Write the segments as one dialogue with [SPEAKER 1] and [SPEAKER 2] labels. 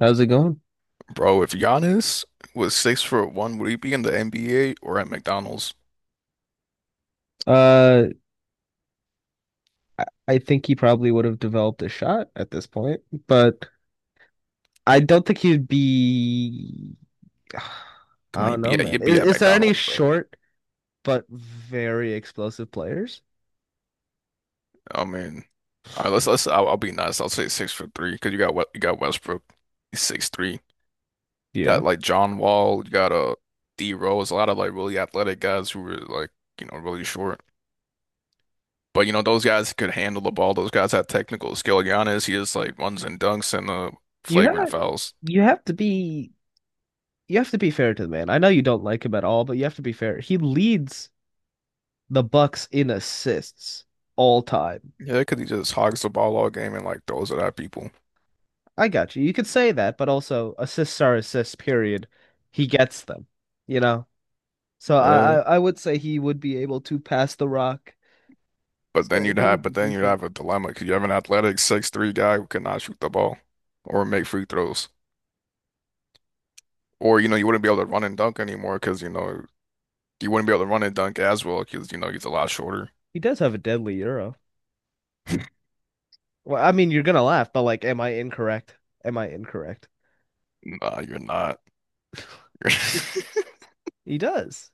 [SPEAKER 1] How's it going?
[SPEAKER 2] Bro, if Giannis was 6'1", would he be in the NBA or at McDonald's?
[SPEAKER 1] Uh, I think he probably would have developed a shot at this point, but I don't think he'd be.
[SPEAKER 2] Come
[SPEAKER 1] I
[SPEAKER 2] on,
[SPEAKER 1] don't
[SPEAKER 2] he'd be
[SPEAKER 1] know,
[SPEAKER 2] at
[SPEAKER 1] man.
[SPEAKER 2] he'd be
[SPEAKER 1] Is,
[SPEAKER 2] at
[SPEAKER 1] is there any
[SPEAKER 2] McDonald's, bro.
[SPEAKER 1] short but very explosive players?
[SPEAKER 2] I mean, all right, let's. I'll be nice. I'll say 6'3" because you got what you got Westbrook, he's 6'3".
[SPEAKER 1] Yeah.
[SPEAKER 2] Got like John Wall, you got D Rose, a lot of like really athletic guys who were like really short. But those guys could handle the ball. Those guys have technical skill. Giannis, he just like runs and dunks and
[SPEAKER 1] You have
[SPEAKER 2] flagrant fouls.
[SPEAKER 1] you have to be you have to be fair to the man. I know you don't like him at all, but you have to be fair. He leads the Bucks in assists all time.
[SPEAKER 2] Yeah, because he just hogs the ball all game and like throws it at people.
[SPEAKER 1] I got you. You could say that, but also assists are assists, period. He gets them, you know? So I,
[SPEAKER 2] Uh,
[SPEAKER 1] I I would say he would be able to pass the rock.
[SPEAKER 2] But then
[SPEAKER 1] So
[SPEAKER 2] you'd
[SPEAKER 1] he
[SPEAKER 2] have,
[SPEAKER 1] would be
[SPEAKER 2] but then you'd
[SPEAKER 1] decent.
[SPEAKER 2] have a dilemma because you have an athletic 6'3" guy who cannot shoot the ball or make free throws. Or, you wouldn't be able to run and dunk anymore because, you wouldn't be able to run and dunk as well because, he's a lot shorter.
[SPEAKER 1] He does have a deadly euro. Well, I mean, you're gonna laugh, but like, am I incorrect? Am I incorrect?
[SPEAKER 2] Nah, you're not.
[SPEAKER 1] He does.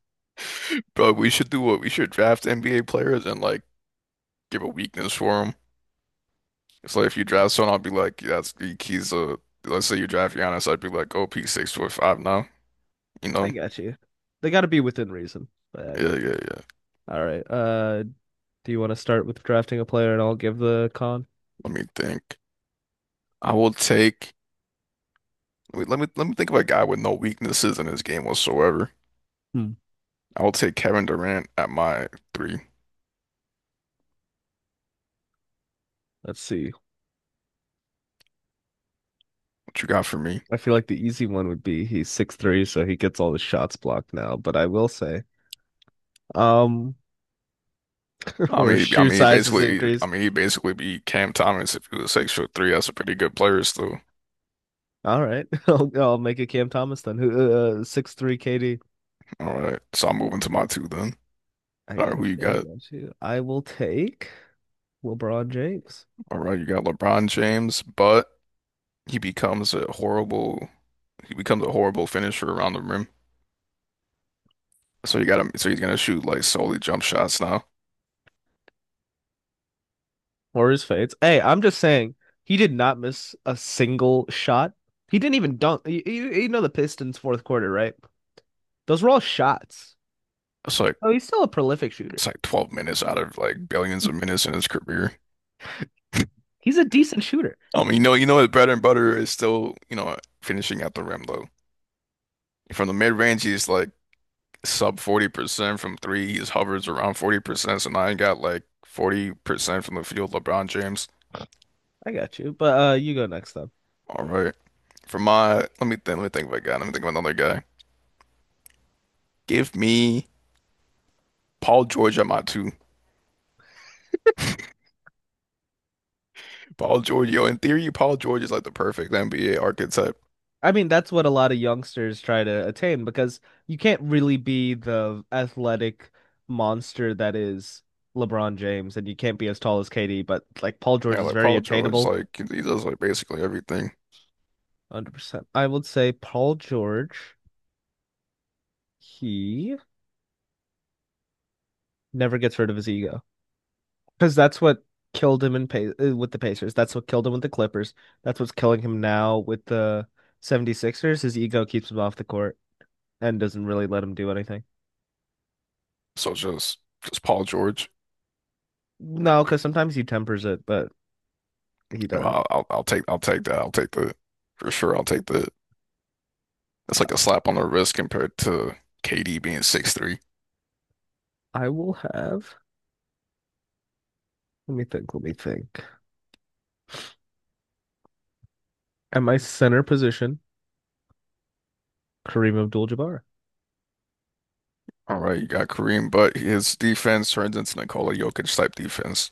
[SPEAKER 2] Bro, we should do what we should draft NBA players and like give a weakness for them. So if you draft someone, I'll be like, yeah, that's he's a. Let's say you draft Giannis, I'd be like, oh, he's 6'5" now. You
[SPEAKER 1] I
[SPEAKER 2] know?
[SPEAKER 1] got you. They got to be within reason, but I
[SPEAKER 2] Yeah,
[SPEAKER 1] got you.
[SPEAKER 2] yeah, yeah.
[SPEAKER 1] All right. Do you want to start with drafting a player, and I'll give the con?
[SPEAKER 2] Let me think. I will take. Wait, let me think of a guy with no weaknesses in his game whatsoever.
[SPEAKER 1] Hmm.
[SPEAKER 2] I will take Kevin Durant at my three.
[SPEAKER 1] Let's see.
[SPEAKER 2] What you got for me?
[SPEAKER 1] I feel like the easy one would be he's 6'3", so he gets all the shots blocked now. But I will say, um,
[SPEAKER 2] I
[SPEAKER 1] or his
[SPEAKER 2] mean, I
[SPEAKER 1] shoe
[SPEAKER 2] mean,
[SPEAKER 1] size is
[SPEAKER 2] basically, I
[SPEAKER 1] increased.
[SPEAKER 2] mean, he basically beat Cam Thomas if he was 6'3". That's a pretty good player still.
[SPEAKER 1] All right. I'll make it Cam Thomas then. Who 6'3" KD.
[SPEAKER 2] All right, so I'm moving to my two then.
[SPEAKER 1] I
[SPEAKER 2] All right, who you
[SPEAKER 1] got you. I
[SPEAKER 2] got?
[SPEAKER 1] got you. I will take LeBron James
[SPEAKER 2] All right, you got LeBron James, but he becomes a horrible, he becomes a horrible finisher around the rim. So you got him. So he's gonna shoot like solely jump shots now.
[SPEAKER 1] or his fades. Hey, I'm just saying he did not miss a single shot. He didn't even dunk. You know the Pistons fourth quarter, right? Those were all shots.
[SPEAKER 2] It's like
[SPEAKER 1] Oh, he's still a prolific shooter.
[SPEAKER 2] it's like 12 minutes out of like billions of minutes in his career.
[SPEAKER 1] He's a decent shooter.
[SPEAKER 2] You know his bread and butter is still, finishing at the rim though. From the mid range, he's like sub 40%. From three, he hovers around 40%. So now he got like 40% from the field, LeBron James.
[SPEAKER 1] I got you. But you go next time.
[SPEAKER 2] All right. For my, let me think of a guy. Let me think of another guy. Give me Paul George at my two. Paul George, yo, in theory, Paul George is like the perfect NBA archetype.
[SPEAKER 1] I mean, that's what a lot of youngsters try to attain because you can't really be the athletic monster that is LeBron James, and you can't be as tall as KD, but like Paul George
[SPEAKER 2] Yeah,
[SPEAKER 1] is
[SPEAKER 2] like
[SPEAKER 1] very
[SPEAKER 2] Paul George,
[SPEAKER 1] attainable.
[SPEAKER 2] like he does like basically everything.
[SPEAKER 1] 100%. I would say Paul George, he never gets rid of his ego because that's what killed him in pa with the Pacers. That's what killed him with the Clippers. That's what's killing him now with the 76ers. His ego keeps him off the court and doesn't really let him do anything.
[SPEAKER 2] So just Paul George.
[SPEAKER 1] No, because sometimes he tempers it, but he
[SPEAKER 2] Well,
[SPEAKER 1] doesn't.
[SPEAKER 2] I'll take that. I'll take the for sure. I'll take the. That's like a slap on the wrist compared to KD being 6'3".
[SPEAKER 1] I will have. Let me think. Let me think. At my center position, Kareem Abdul-Jabbar.
[SPEAKER 2] All right, you got Kareem, but his defense turns into Nikola Jokic type defense.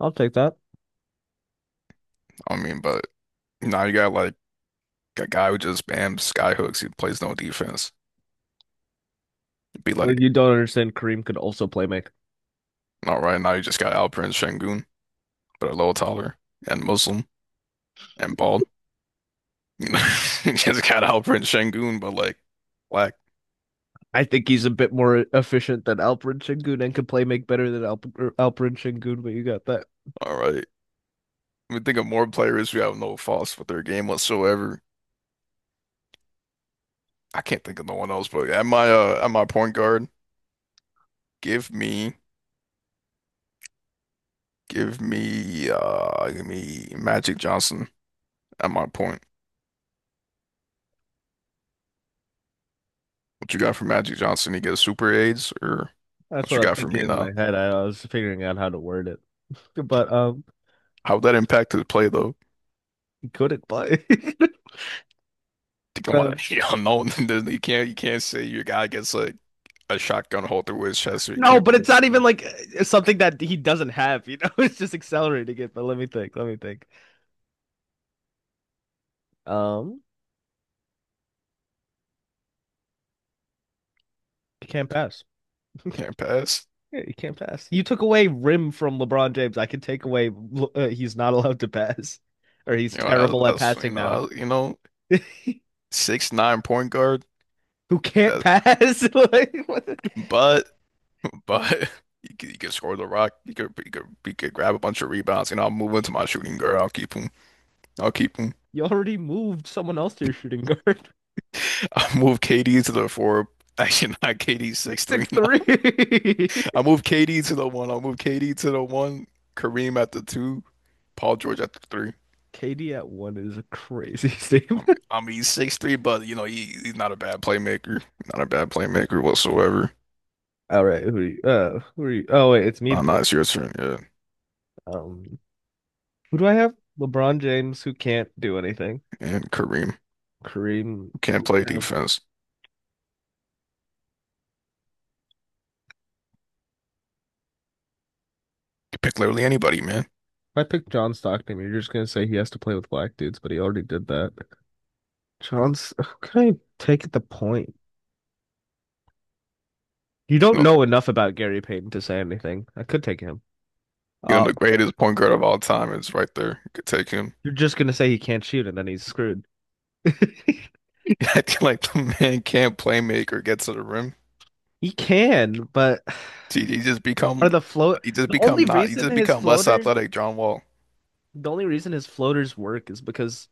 [SPEAKER 1] I'll take that.
[SPEAKER 2] I mean, but now you got like a guy who just bam skyhooks. He plays no defense. You'd be
[SPEAKER 1] Like,
[SPEAKER 2] like,
[SPEAKER 1] you don't understand. Kareem could also play make.
[SPEAKER 2] all right, now you just got Alperen Şengün, but a little taller and Muslim and bald. You know, you just got Alperen Şengün, but like black.
[SPEAKER 1] I think he's a bit more efficient than Alperen Şengün and can play make better than Alperen Şengün. But you got that.
[SPEAKER 2] All right. We think of more players who have no faults with their game whatsoever. I can't think of no one else, but at my point guard, give me give me Magic Johnson at my point. What you got for Magic Johnson? He gets super aids or
[SPEAKER 1] That's
[SPEAKER 2] what
[SPEAKER 1] what
[SPEAKER 2] you
[SPEAKER 1] I was
[SPEAKER 2] got for
[SPEAKER 1] thinking
[SPEAKER 2] me
[SPEAKER 1] in my
[SPEAKER 2] now?
[SPEAKER 1] head. Was figuring out how to word it, but
[SPEAKER 2] How would that impact his play though?
[SPEAKER 1] he couldn't play.
[SPEAKER 2] Think
[SPEAKER 1] um,
[SPEAKER 2] about you know, no, you can't say your guy gets like a shotgun hole through his chest or he
[SPEAKER 1] no,
[SPEAKER 2] can't
[SPEAKER 1] but
[SPEAKER 2] play,
[SPEAKER 1] it's not even like something that he doesn't have. You know, it's just accelerating it. But let me think. Let me think. Um, he can't pass.
[SPEAKER 2] can't pass.
[SPEAKER 1] Yeah, he can't pass. You took away rim from LeBron James. I can take away he's not allowed to pass, or he's
[SPEAKER 2] You know,
[SPEAKER 1] terrible
[SPEAKER 2] that's,
[SPEAKER 1] at
[SPEAKER 2] that's you
[SPEAKER 1] passing
[SPEAKER 2] know,
[SPEAKER 1] now.
[SPEAKER 2] I, you know, 6'9" point guard
[SPEAKER 1] Who can't
[SPEAKER 2] that,
[SPEAKER 1] pass? Like, what the-
[SPEAKER 2] but. but you could score the rock. You could grab a bunch of rebounds, and I'll move into my shooting guard. I'll keep him. I'll keep him.
[SPEAKER 1] You already moved someone else to your shooting guard.
[SPEAKER 2] I'll move KD to the four. Actually, not KD six
[SPEAKER 1] It's
[SPEAKER 2] three
[SPEAKER 1] six
[SPEAKER 2] nine.
[SPEAKER 1] three.
[SPEAKER 2] I move KD to the one. I'll move KD to the one. Kareem at the two. Paul George at the three.
[SPEAKER 1] KD at one is a crazy
[SPEAKER 2] I
[SPEAKER 1] statement.
[SPEAKER 2] mean, I mean he's 6'3", but you know he's not a bad playmaker. Not a bad playmaker whatsoever.
[SPEAKER 1] All right, who are you? Who are you? Oh wait, it's me to
[SPEAKER 2] Nah, nah,
[SPEAKER 1] pick.
[SPEAKER 2] it's your turn. Yeah,
[SPEAKER 1] Um, who do I have? LeBron James, who can't do anything.
[SPEAKER 2] and Kareem.
[SPEAKER 1] Kareem,
[SPEAKER 2] You can't
[SPEAKER 1] who
[SPEAKER 2] play
[SPEAKER 1] can
[SPEAKER 2] defense. You pick literally anybody, man.
[SPEAKER 1] if I pick John Stockton, you're just gonna say he has to play with black dudes, but he already did that. John's can I take the point? You don't
[SPEAKER 2] No,
[SPEAKER 1] know enough about Gary Payton to say anything. I could take him.
[SPEAKER 2] you
[SPEAKER 1] Uh,
[SPEAKER 2] know, the greatest point guard of all time is right there. You could take him.
[SPEAKER 1] you're just gonna say he can't shoot, and then he's screwed. He
[SPEAKER 2] I feel like the man can't play make or get to the rim.
[SPEAKER 1] can, but
[SPEAKER 2] He just become
[SPEAKER 1] are the float
[SPEAKER 2] he just
[SPEAKER 1] the
[SPEAKER 2] become
[SPEAKER 1] only
[SPEAKER 2] not he
[SPEAKER 1] reason
[SPEAKER 2] just
[SPEAKER 1] his
[SPEAKER 2] become less
[SPEAKER 1] floater
[SPEAKER 2] athletic. John Wall.
[SPEAKER 1] the only reason his floaters work is because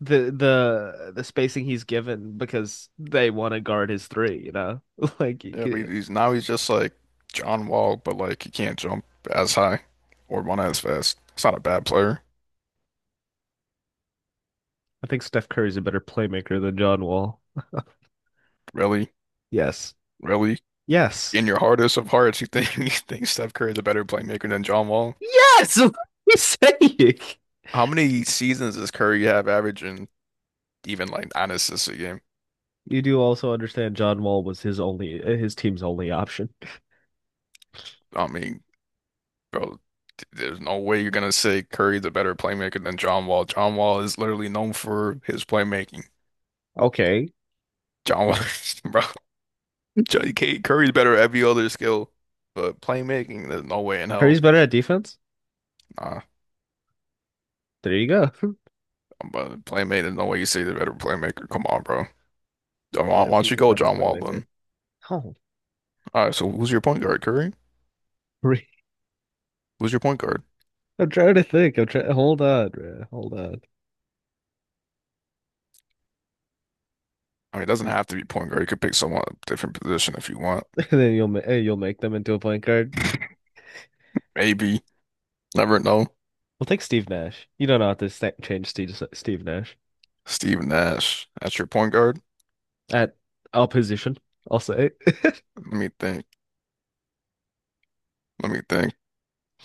[SPEAKER 1] the spacing he's given because they want to guard his three. You know, like
[SPEAKER 2] Yeah, but he's now he's just like John Wall, but like he can't jump as high or run as fast. It's not a bad player,
[SPEAKER 1] I think Steph Curry's a better playmaker than John Wall.
[SPEAKER 2] really,
[SPEAKER 1] Yes.
[SPEAKER 2] really.
[SPEAKER 1] Yes.
[SPEAKER 2] In your hardest of hearts, you think you think Steph Curry is a better playmaker than John Wall?
[SPEAKER 1] Yes, what are you saying?
[SPEAKER 2] How many seasons does Curry have averaging even like nine assists a game?
[SPEAKER 1] You do also understand John Wall was his team's only option.
[SPEAKER 2] I mean, bro, there's no way you're gonna say Curry's a better playmaker than John Wall. John Wall is literally known for his playmaking.
[SPEAKER 1] Okay.
[SPEAKER 2] John Wall, bro, John Curry's better at every other skill, but playmaking, there's no way in hell.
[SPEAKER 1] Curry's better at defense.
[SPEAKER 2] Nah,
[SPEAKER 1] There you go.
[SPEAKER 2] but playmaking, there's no way you say the better playmaker. Come on, bro. Why
[SPEAKER 1] Yes,
[SPEAKER 2] don't you
[SPEAKER 1] he's a
[SPEAKER 2] go
[SPEAKER 1] better
[SPEAKER 2] John Wall then?
[SPEAKER 1] playmaker. Oh,
[SPEAKER 2] All right, so who's your point guard, Curry? Who's your point guard?
[SPEAKER 1] I'm trying to think. I'm trying. Hold on, bruh. Hold on.
[SPEAKER 2] I mean, it doesn't have to be point guard. You could pick someone different position if you want.
[SPEAKER 1] And then you'll you'll make them into a point guard.
[SPEAKER 2] Maybe. Never know.
[SPEAKER 1] We'll take Steve Nash. You don't know how to change Steve Nash
[SPEAKER 2] Steve Nash. That's your point guard?
[SPEAKER 1] at our position. I'll say.
[SPEAKER 2] Let me think. Let me think.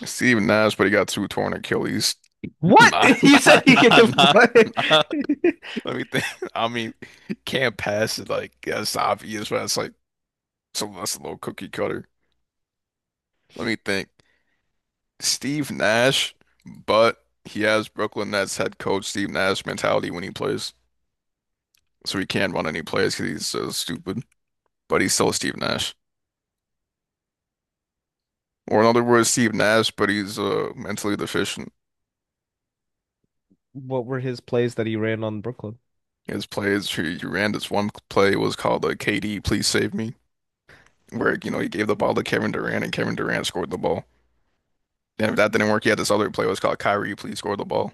[SPEAKER 2] Steve Nash, but he got two torn Achilles.
[SPEAKER 1] What
[SPEAKER 2] Nah,
[SPEAKER 1] you
[SPEAKER 2] nah,
[SPEAKER 1] said? You
[SPEAKER 2] nah,
[SPEAKER 1] gave
[SPEAKER 2] nah,
[SPEAKER 1] what?
[SPEAKER 2] nah. Let me think. I mean, can't pass it. Like that's obvious, but it's like so that's a little cookie cutter. Let me think. Steve Nash, but he has Brooklyn Nets head coach Steve Nash mentality when he plays, so he can't run any plays because he's so stupid. But he's still Steve Nash, or in other words, Steve Nash, but he's mentally deficient.
[SPEAKER 1] What were his plays that he ran on Brooklyn?
[SPEAKER 2] His plays, he ran this one play was called the KD, please save me, where you know he gave the ball to Kevin Durant and Kevin Durant scored the ball. And if that didn't work, he had this other play. It was called Kyrie, please score the ball.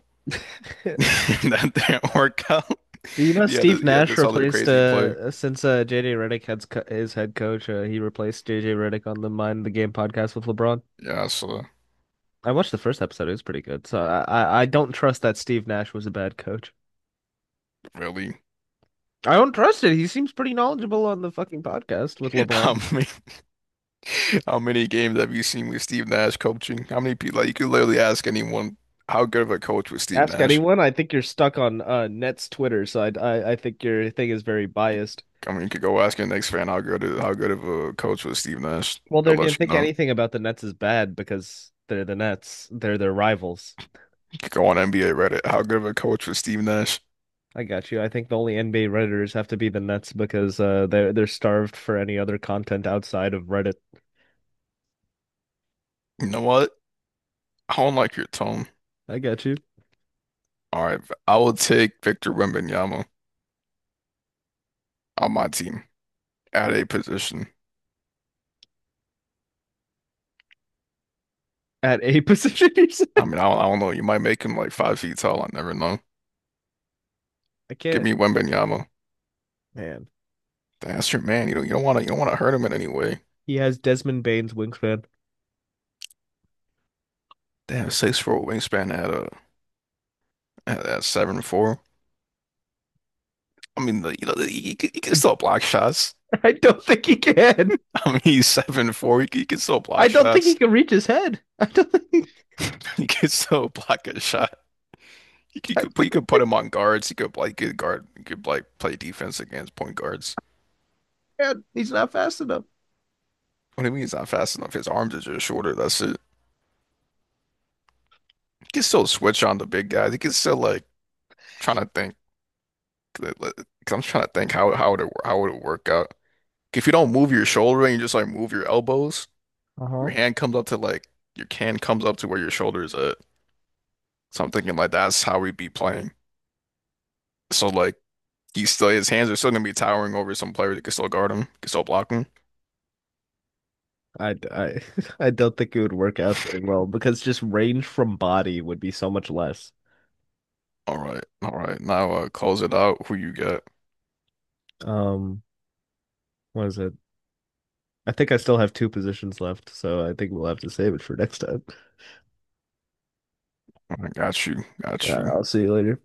[SPEAKER 2] That didn't work out.
[SPEAKER 1] You know,
[SPEAKER 2] He had,
[SPEAKER 1] Steve
[SPEAKER 2] he had
[SPEAKER 1] Nash
[SPEAKER 2] this other
[SPEAKER 1] replaced
[SPEAKER 2] crazy play.
[SPEAKER 1] since JJ Redick had his head coach, he replaced JJ Redick on the Mind the Game podcast with LeBron.
[SPEAKER 2] Yeah, so
[SPEAKER 1] I watched the first episode; it was pretty good. So I don't trust that Steve Nash was a bad coach.
[SPEAKER 2] really,
[SPEAKER 1] I don't trust it. He seems pretty knowledgeable on the fucking podcast with LeBron.
[SPEAKER 2] how many how many games have you seen with Steve Nash coaching? How many people? Like you could literally ask anyone how good of a coach was Steve
[SPEAKER 1] Ask
[SPEAKER 2] Nash.
[SPEAKER 1] anyone. I think you're stuck on Nets Twitter, so I think your thing is very biased.
[SPEAKER 2] I mean, you could go ask your Knicks fan how good of a coach was Steve Nash.
[SPEAKER 1] Well,
[SPEAKER 2] They'll
[SPEAKER 1] they're gonna
[SPEAKER 2] let you
[SPEAKER 1] think
[SPEAKER 2] know.
[SPEAKER 1] anything about the Nets is bad because they're the Nets. They're their rivals.
[SPEAKER 2] You could go on NBA Reddit. How good of a coach was Steve Nash?
[SPEAKER 1] I got you. I think the only NBA Redditors have to be the Nets because they're starved for any other content outside of Reddit.
[SPEAKER 2] You know what? I don't like your tone.
[SPEAKER 1] I got you.
[SPEAKER 2] All right, I will take Victor Wembanyama on my team at a position.
[SPEAKER 1] At a position,
[SPEAKER 2] I mean, I don't know. You might make him like 5 feet tall. I never know.
[SPEAKER 1] I
[SPEAKER 2] Give
[SPEAKER 1] can't.
[SPEAKER 2] me Wembanyama.
[SPEAKER 1] Man,
[SPEAKER 2] That's your man. You don't want to hurt him in any way.
[SPEAKER 1] he has Desmond Bane's wingspan.
[SPEAKER 2] They have 6'4" wingspan at 7'4". I mean, the, you know, the, he can still block shots.
[SPEAKER 1] I don't think he can.
[SPEAKER 2] I mean, he's 7'4". He can still
[SPEAKER 1] I
[SPEAKER 2] block
[SPEAKER 1] don't think he
[SPEAKER 2] shots.
[SPEAKER 1] can reach his head. I don't think. He,
[SPEAKER 2] He can still block a shot. You could, you
[SPEAKER 1] I
[SPEAKER 2] could put you
[SPEAKER 1] don't-
[SPEAKER 2] could put him on guards. He could like good guard. He could like play defense against point guards.
[SPEAKER 1] man, he's not fast enough.
[SPEAKER 2] What do you mean he's not fast enough? His arms are just shorter. That's it. He can still switch on the big guys. He can still like trying to think. Cause I'm trying to think how would it work out? If you don't move your shoulder and you just like move your elbows,
[SPEAKER 1] Uh
[SPEAKER 2] your
[SPEAKER 1] huh.
[SPEAKER 2] hand comes up to like your can comes up to where your shoulder is at. So I'm thinking like that's how we'd be playing. So like he's still his hands are still gonna be towering over some player that can still guard him, can still block him.
[SPEAKER 1] I, I, I don't think it would work out very well because just range from body would be so much less.
[SPEAKER 2] All right, all right. Now close it out. Who you got?
[SPEAKER 1] Um, what is it? I think I still have two positions left, so I think we'll have to save it for next time.
[SPEAKER 2] I got you,
[SPEAKER 1] All
[SPEAKER 2] got
[SPEAKER 1] right,
[SPEAKER 2] you.
[SPEAKER 1] I'll see you later.